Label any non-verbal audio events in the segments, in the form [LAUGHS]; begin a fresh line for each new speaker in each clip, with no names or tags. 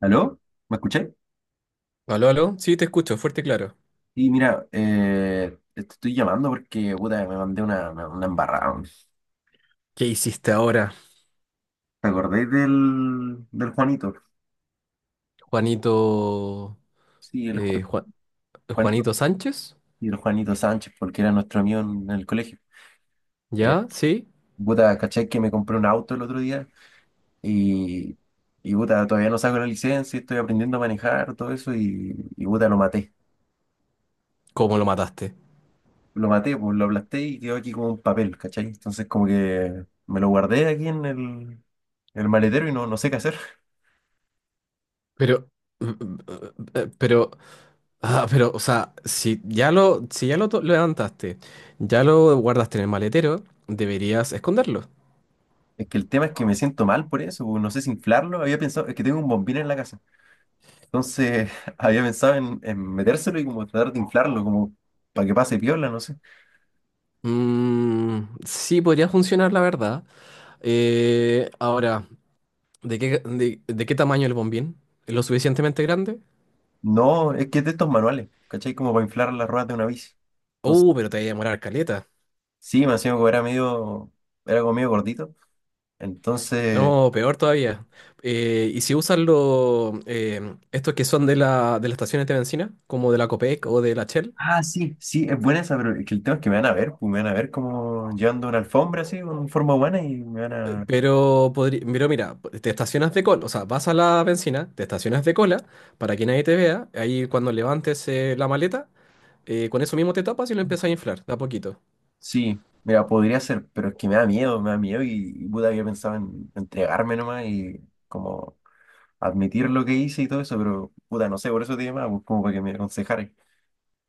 ¿Aló? ¿Me escucháis?
Aló, aló. Sí, te escucho, fuerte y claro.
Y mira, te estoy llamando porque, puta, me mandé una embarrada, weón.
¿Qué hiciste ahora?
¿Te acordáis del Juanito?
Juanito,
Sí, el
eh,
Ju-
Juan-
Juanito.
Juanito Sánchez,
Y el Juanito Sánchez, porque era nuestro amigo en el colegio. Eh,
¿ya? ¿Sí?
Puta, ¿cachai que me compré un auto el otro día? Y, y puta, todavía no saco la licencia, estoy aprendiendo a manejar, todo eso, y puta, lo maté.
¿Cómo lo mataste?
Lo maté, pues lo aplasté y quedó aquí como un papel, ¿cachai? Entonces como que me lo guardé aquí en el maletero y no sé qué hacer.
Pero, mm, mm, eh, pero, pero, o sea, si ya lo lo levantaste, ya lo guardaste en el maletero, deberías esconderlo.
Es que el tema es que me siento mal por eso, no sé si inflarlo, había pensado, es que tengo un bombín en la casa, entonces [LAUGHS] había pensado en metérselo y como tratar de inflarlo, como para que pase piola, no sé.
Sí, podría funcionar, la verdad. Ahora, de qué tamaño el bombín? ¿Lo suficientemente grande?
No, es que es de estos manuales, ¿cachai? Como para inflar las ruedas de una bici. Entonces,
Pero te voy a demorar caleta.
sí, me hacía como era medio, era como medio gordito, entonces,
No, peor todavía. ¿Y si usan los estos que son de de las estaciones de bencina, como de la Copec o de la Shell?
ah, sí, sí, es buena esa, pero es que el tema es que me van a ver, pues, me van a ver como llevando una alfombra así, con forma humana y me van a...
Pero mira, te estacionas de cola, o sea, vas a la bencina, te estacionas de cola para que nadie te vea, ahí cuando levantes la maleta, con eso mismo te tapas y lo empiezas a inflar, de a poquito.
Sí, mira, podría ser, pero es que me da miedo y puta, había pensado en entregarme nomás y como admitir lo que hice y todo eso, pero puta, no sé, por eso te llamaba, pues, como para que me aconsejaras.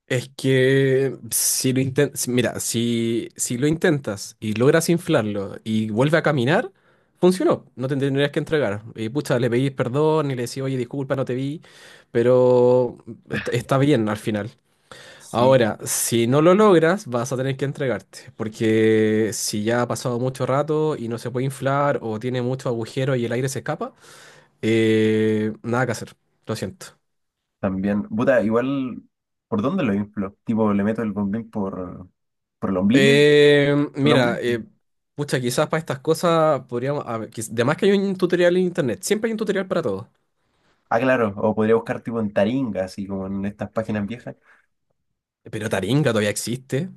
Es que si lo intentas, mira, si lo intentas y logras inflarlo y vuelve a caminar, funcionó, no te tendrías que entregar. Y pucha, le pedís perdón y le decís, oye, disculpa, no te vi, pero está bien al final.
Sí.
Ahora, si no lo logras, vas a tener que entregarte, porque si ya ha pasado mucho rato y no se puede inflar o tiene mucho agujero y el aire se escapa, nada que hacer, lo siento.
También, puta, igual, ¿por dónde lo inflo? Tipo, le meto el bombín por el ombligo, por el claro,
Mira,
ombligo.
pucha, quizás para estas cosas podríamos. A ver, además que hay un tutorial en internet, siempre hay un tutorial para todo.
Ah, claro, o podría buscar tipo en Taringa, así como en estas páginas viejas.
Pero Taringa todavía existe.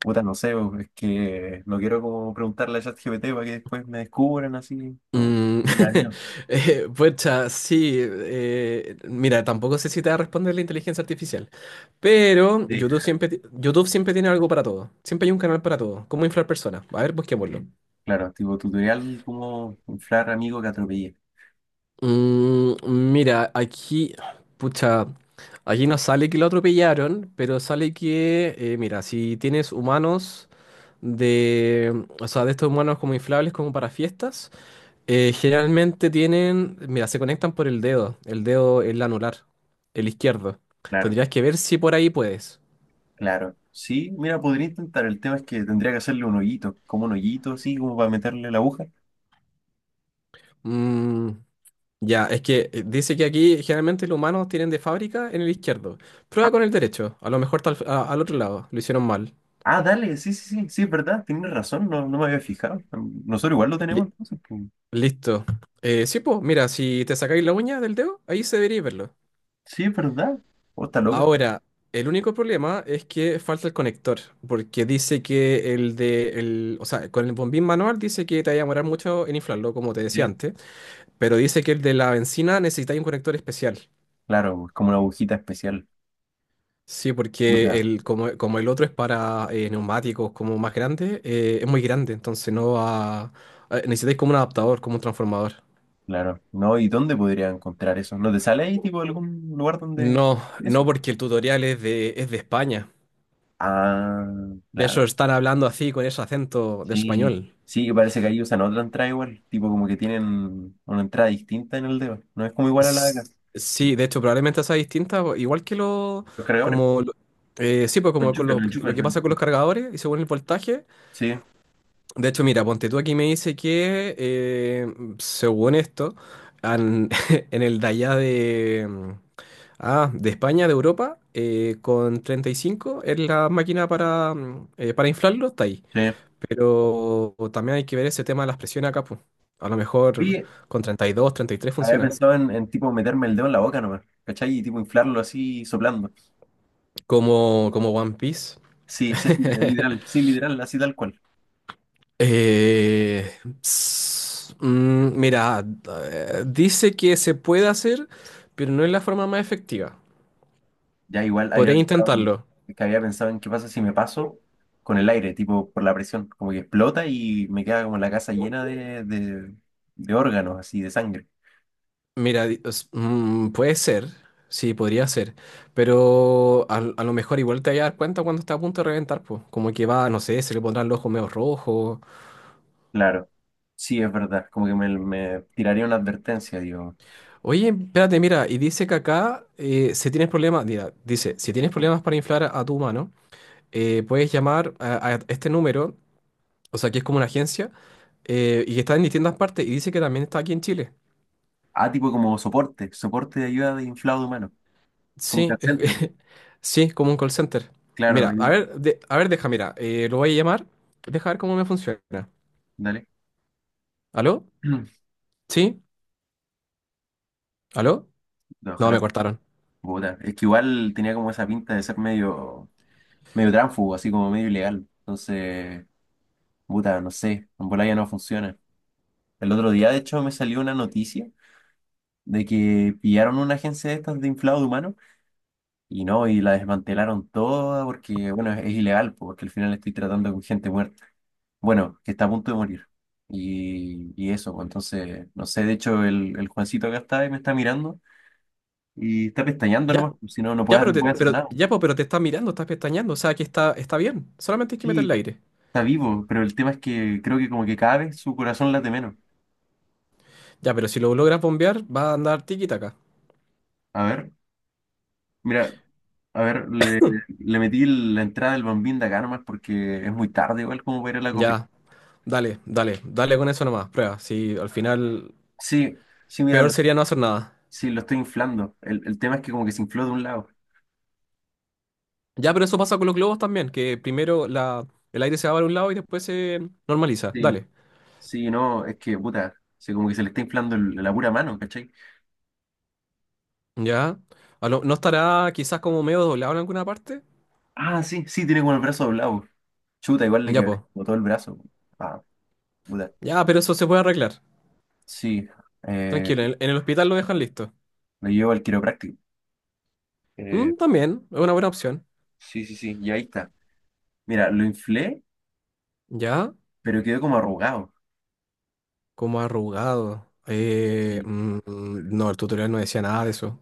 Puta, no sé, bo, es que no quiero como preguntarle a ChatGPT para que después me descubran así. No,
Mm.
me da miedo.
[LAUGHS] Pucha, sí. Mira, tampoco sé si te va a responder la inteligencia artificial. Pero YouTube siempre tiene algo para todo. Siempre hay un canal para todo. Cómo inflar personas. A ver, busquémoslo.
Claro, tipo tutorial como inflar amigo que atropellé.
Mira, aquí, pucha, aquí no sale que lo atropellaron, pero sale que, mira, si tienes humanos de, o sea, de estos humanos como inflables como para fiestas, generalmente tienen, mira, se conectan por el dedo, el anular, el izquierdo.
Claro,
Tendrías que ver si por ahí puedes.
claro. Sí, mira, podría intentar. El tema es que tendría que hacerle un hoyito, como un hoyito así, como para meterle la aguja.
Mm, ya, es que dice que aquí generalmente los humanos tienen de fábrica en el izquierdo. Prueba con el derecho, a lo mejor al otro lado, lo hicieron mal.
Ah, dale, sí, sí, sí, sí, es verdad, tienes razón, no, no me había fijado. Nosotros igual lo tenemos, entonces, pues.
Listo. Sí, pues, mira, si te sacáis la uña del dedo, ahí se debería verlo.
Sí, es verdad. ¿O está loco?
Ahora, el único problema es que falta el conector, porque dice que o sea, con el bombín manual dice que te va a demorar mucho en inflarlo, como te decía
Sí.
antes, pero dice que el de la benzina necesitáis un conector especial.
Claro, es como una agujita especial.
Sí, porque
Puta,
como el otro es para neumáticos como más grande, es muy grande, entonces no va. Necesitáis como un adaptador, como un transformador.
claro. No, ¿y dónde podría encontrar eso? ¿No te sale ahí, tipo, algún lugar donde
No,
eso?
no porque el tutorial es de España.
Ah,
De
claro.
eso están hablando así con ese acento de
Sí,
español.
sí, que parece que ahí usan otra entrada igual, tipo como que tienen una entrada distinta en el dedo, no es como igual a la de
S-
acá,
Sí, de hecho, probablemente sea distinta, po- igual que lo,
los cargadores,
como, lo- sí, pues
lo
como con
enchufes, lo
lo
enchufes,
que
lo
pasa con
enchufes.
los cargadores y según el voltaje.
Sí,
De hecho, mira, ponte tú aquí me dice que, según esto, an- [LAUGHS] en el de allá de España, de Europa, con 35 es la máquina para, para inflarlo, está ahí.
sí.
Pero también hay que ver ese tema de las presiones acá, pues. A lo mejor
Oye,
con 30, 32, 33
había
funciona.
pensado tipo meterme el dedo en la boca nomás, ¿cachai? Y tipo inflarlo así soplando.
Como One Piece.
Sí, sí, [LAUGHS] es
[LAUGHS]
literal, sí, literal, así tal cual.
Eh, Mira, dice que se puede hacer, pero no es la forma más efectiva.
Ya igual había
Podría
pensado en,
intentarlo.
que había pensado en qué pasa si me paso con el aire, tipo por la presión, como que explota y me queda como la casa llena de órganos, así, de sangre.
Mira, puede ser. Sí, podría ser. Pero a lo mejor igual te vas a dar cuenta cuando está a punto de reventar, pues. Como que va, no sé, se le pondrán los ojos medio rojos.
Claro, sí, es verdad. Como que me tiraría una advertencia, digo.
Oye, espérate, mira, y dice que acá, si tienes problemas, mira, dice, si tienes problemas para inflar a tu humano, puedes llamar a este número, o sea, que es como una agencia, y que está en distintas partes, y dice que también está aquí en Chile.
Ah, tipo como soporte, soporte de ayuda de inflado humano, como un
Sí,
call
es,
center.
[LAUGHS] sí, es como un call center.
Claro,
Mira, a
igual,
ver, a ver, deja, mira, lo voy a llamar, deja ver cómo me funciona.
dale.
¿Aló?
[CLEARS THROAT]
¿Sí? ¿Aló?
No,
No, me
ojalá,
cortaron.
puta. Es que igual tenía como esa pinta de ser medio, medio tránfugo, así como medio ilegal. Entonces, puta, no sé, en bola ya no funciona. El otro día, de hecho, me salió una noticia de que pillaron una agencia de estas de inflado de humano y no, y la desmantelaron toda porque, bueno, es ilegal, porque al final estoy tratando con gente muerta. Bueno, que está a punto de morir. Y eso, pues, entonces, no sé, de hecho el Juancito acá está y me está mirando y está pestañeando
Ya,
nomás, pues, si no, no
ya,
puede,
pero
no
te,
puede hacer
pero,
nada.
ya, po, pero te está mirando, estás pestañeando, o sea, que está, bien, solamente hay que meterle
Sí,
aire.
está vivo, pero el tema es que creo que como que cada vez su corazón late menos.
Ya, pero si lo logras bombear, va a andar tiki-taka.
A ver, mira, a ver, le metí la entrada del bambín de acá nomás porque es muy tarde igual como para ir a la copia.
Ya, dale, dale, dale con eso nomás, prueba. Si al final
Sí, sí, mira,
peor
lo,
sería no hacer nada.
sí, lo estoy inflando. El tema es que como que se infló de un lado.
Ya, pero eso pasa con los globos también, que primero el aire se va para un lado y después se normaliza.
Sí,
Dale.
sí, no, es que, puta, sí, como que se le está inflando la pura mano, ¿cachai?
Ya. ¿No estará quizás como medio doblado en alguna parte?
Ah, sí, sí, tiene como el brazo doblado. Chuta, igual le
Ya,
quebré
pues.
como todo el brazo. Ah, puta.
Ya, pero eso se puede arreglar.
Sí, eh,
Tranquilo, en el hospital lo dejan listo.
lo llevo al quiropráctico. Eh,
Mm, también, es una buena opción.
sí, sí, sí, y ahí está. Mira, lo inflé,
Ya,
pero quedó como arrugado.
como arrugado.
Y
No, el tutorial no decía nada de eso.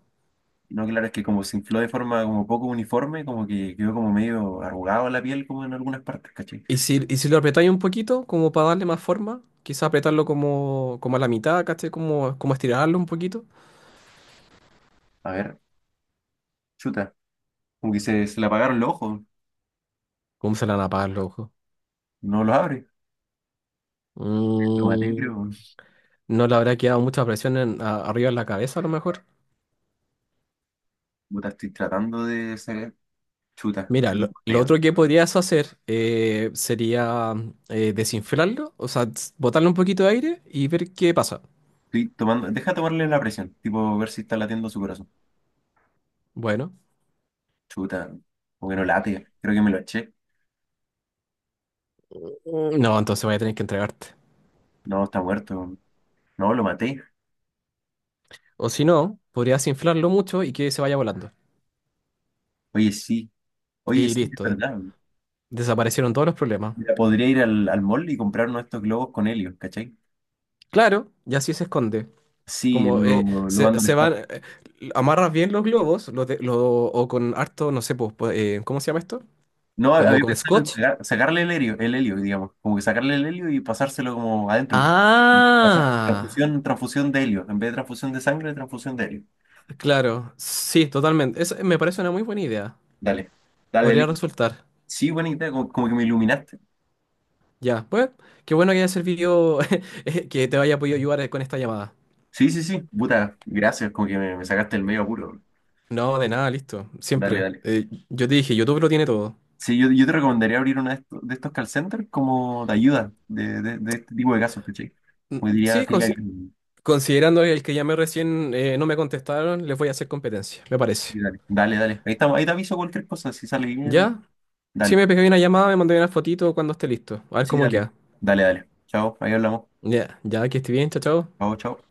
no, claro, es que como se infló de forma como poco uniforme, como que quedó como medio arrugado la piel, como en algunas partes, ¿cachai?
¿Y si lo apretáis un poquito, como para darle más forma? Quizá apretarlo como a la mitad, ¿cachai? Como estirarlo un poquito.
A ver, chuta, como que se le apagaron los ojos,
¿Cómo se le van a apagar los ojos?
no los abre. Lo maté,
Mm,
creo.
no le habrá quedado mucha presión arriba en la cabeza, a lo mejor.
Puta, estoy tratando de sacar. Chuta,
Mira,
creo que lo
lo
mateo.
otro que podrías hacer sería desinflarlo, o sea, botarle un poquito de aire y ver qué pasa.
Estoy tomando, deja tomarle la presión, tipo ver si está latiendo su corazón.
Bueno,
Chuta, o que no late, creo que me lo eché.
no, entonces voy a tener que entregarte.
No, está muerto. No, lo maté.
O si no, podrías inflarlo mucho y que se vaya volando.
Oye, sí, oye,
Y
sí, es
listo,
verdad.
desaparecieron todos los problemas.
Mira, podría ir al mall y comprar uno de estos globos con helio, ¿cachai?
Claro, y así se esconde.
Sí,
Como
lo mando al espacio.
amarras bien los globos, o con harto, no sé, pues, ¿cómo se llama esto?
No,
Como
había
con
pensado en
scotch.
sacarle el helio, digamos, como que sacarle el helio y pasárselo como adentro. Pasar
Ah,
transfusión, transfusión de helio. En vez de transfusión de sangre, transfusión de helio.
claro, sí, totalmente. Eso me parece una muy buena idea.
Dale, dale,
Podría
Eli.
resultar.
Sí, buena idea, como, como que me iluminaste.
Ya, pues, qué bueno que haya servido, [LAUGHS] que te haya podido ayudar con esta llamada.
Sí, sí, sí. Puta, gracias, como que me sacaste el medio apuro.
No, de nada, listo,
Dale,
siempre.
dale.
Yo te dije, YouTube lo tiene todo.
Sí, yo te recomendaría abrir uno de estos call centers como de ayuda de este tipo de casos, ¿cachai? Como diría,
Sí,
te diría que
considerando el que llamé recién, no me contestaron, les voy a hacer competencia, me parece.
sí, dale, dale, dale. Ahí estamos, ahí te aviso cualquier cosa, si sale bien,
Ya, sí
dale.
me pegué una llamada, me mandé una fotito cuando esté listo. A ver
Sí,
cómo
dale.
queda.
Dale, dale. Chao, ahí hablamos.
Ya, ya que esté bien, chao, chao.
Chao, chao.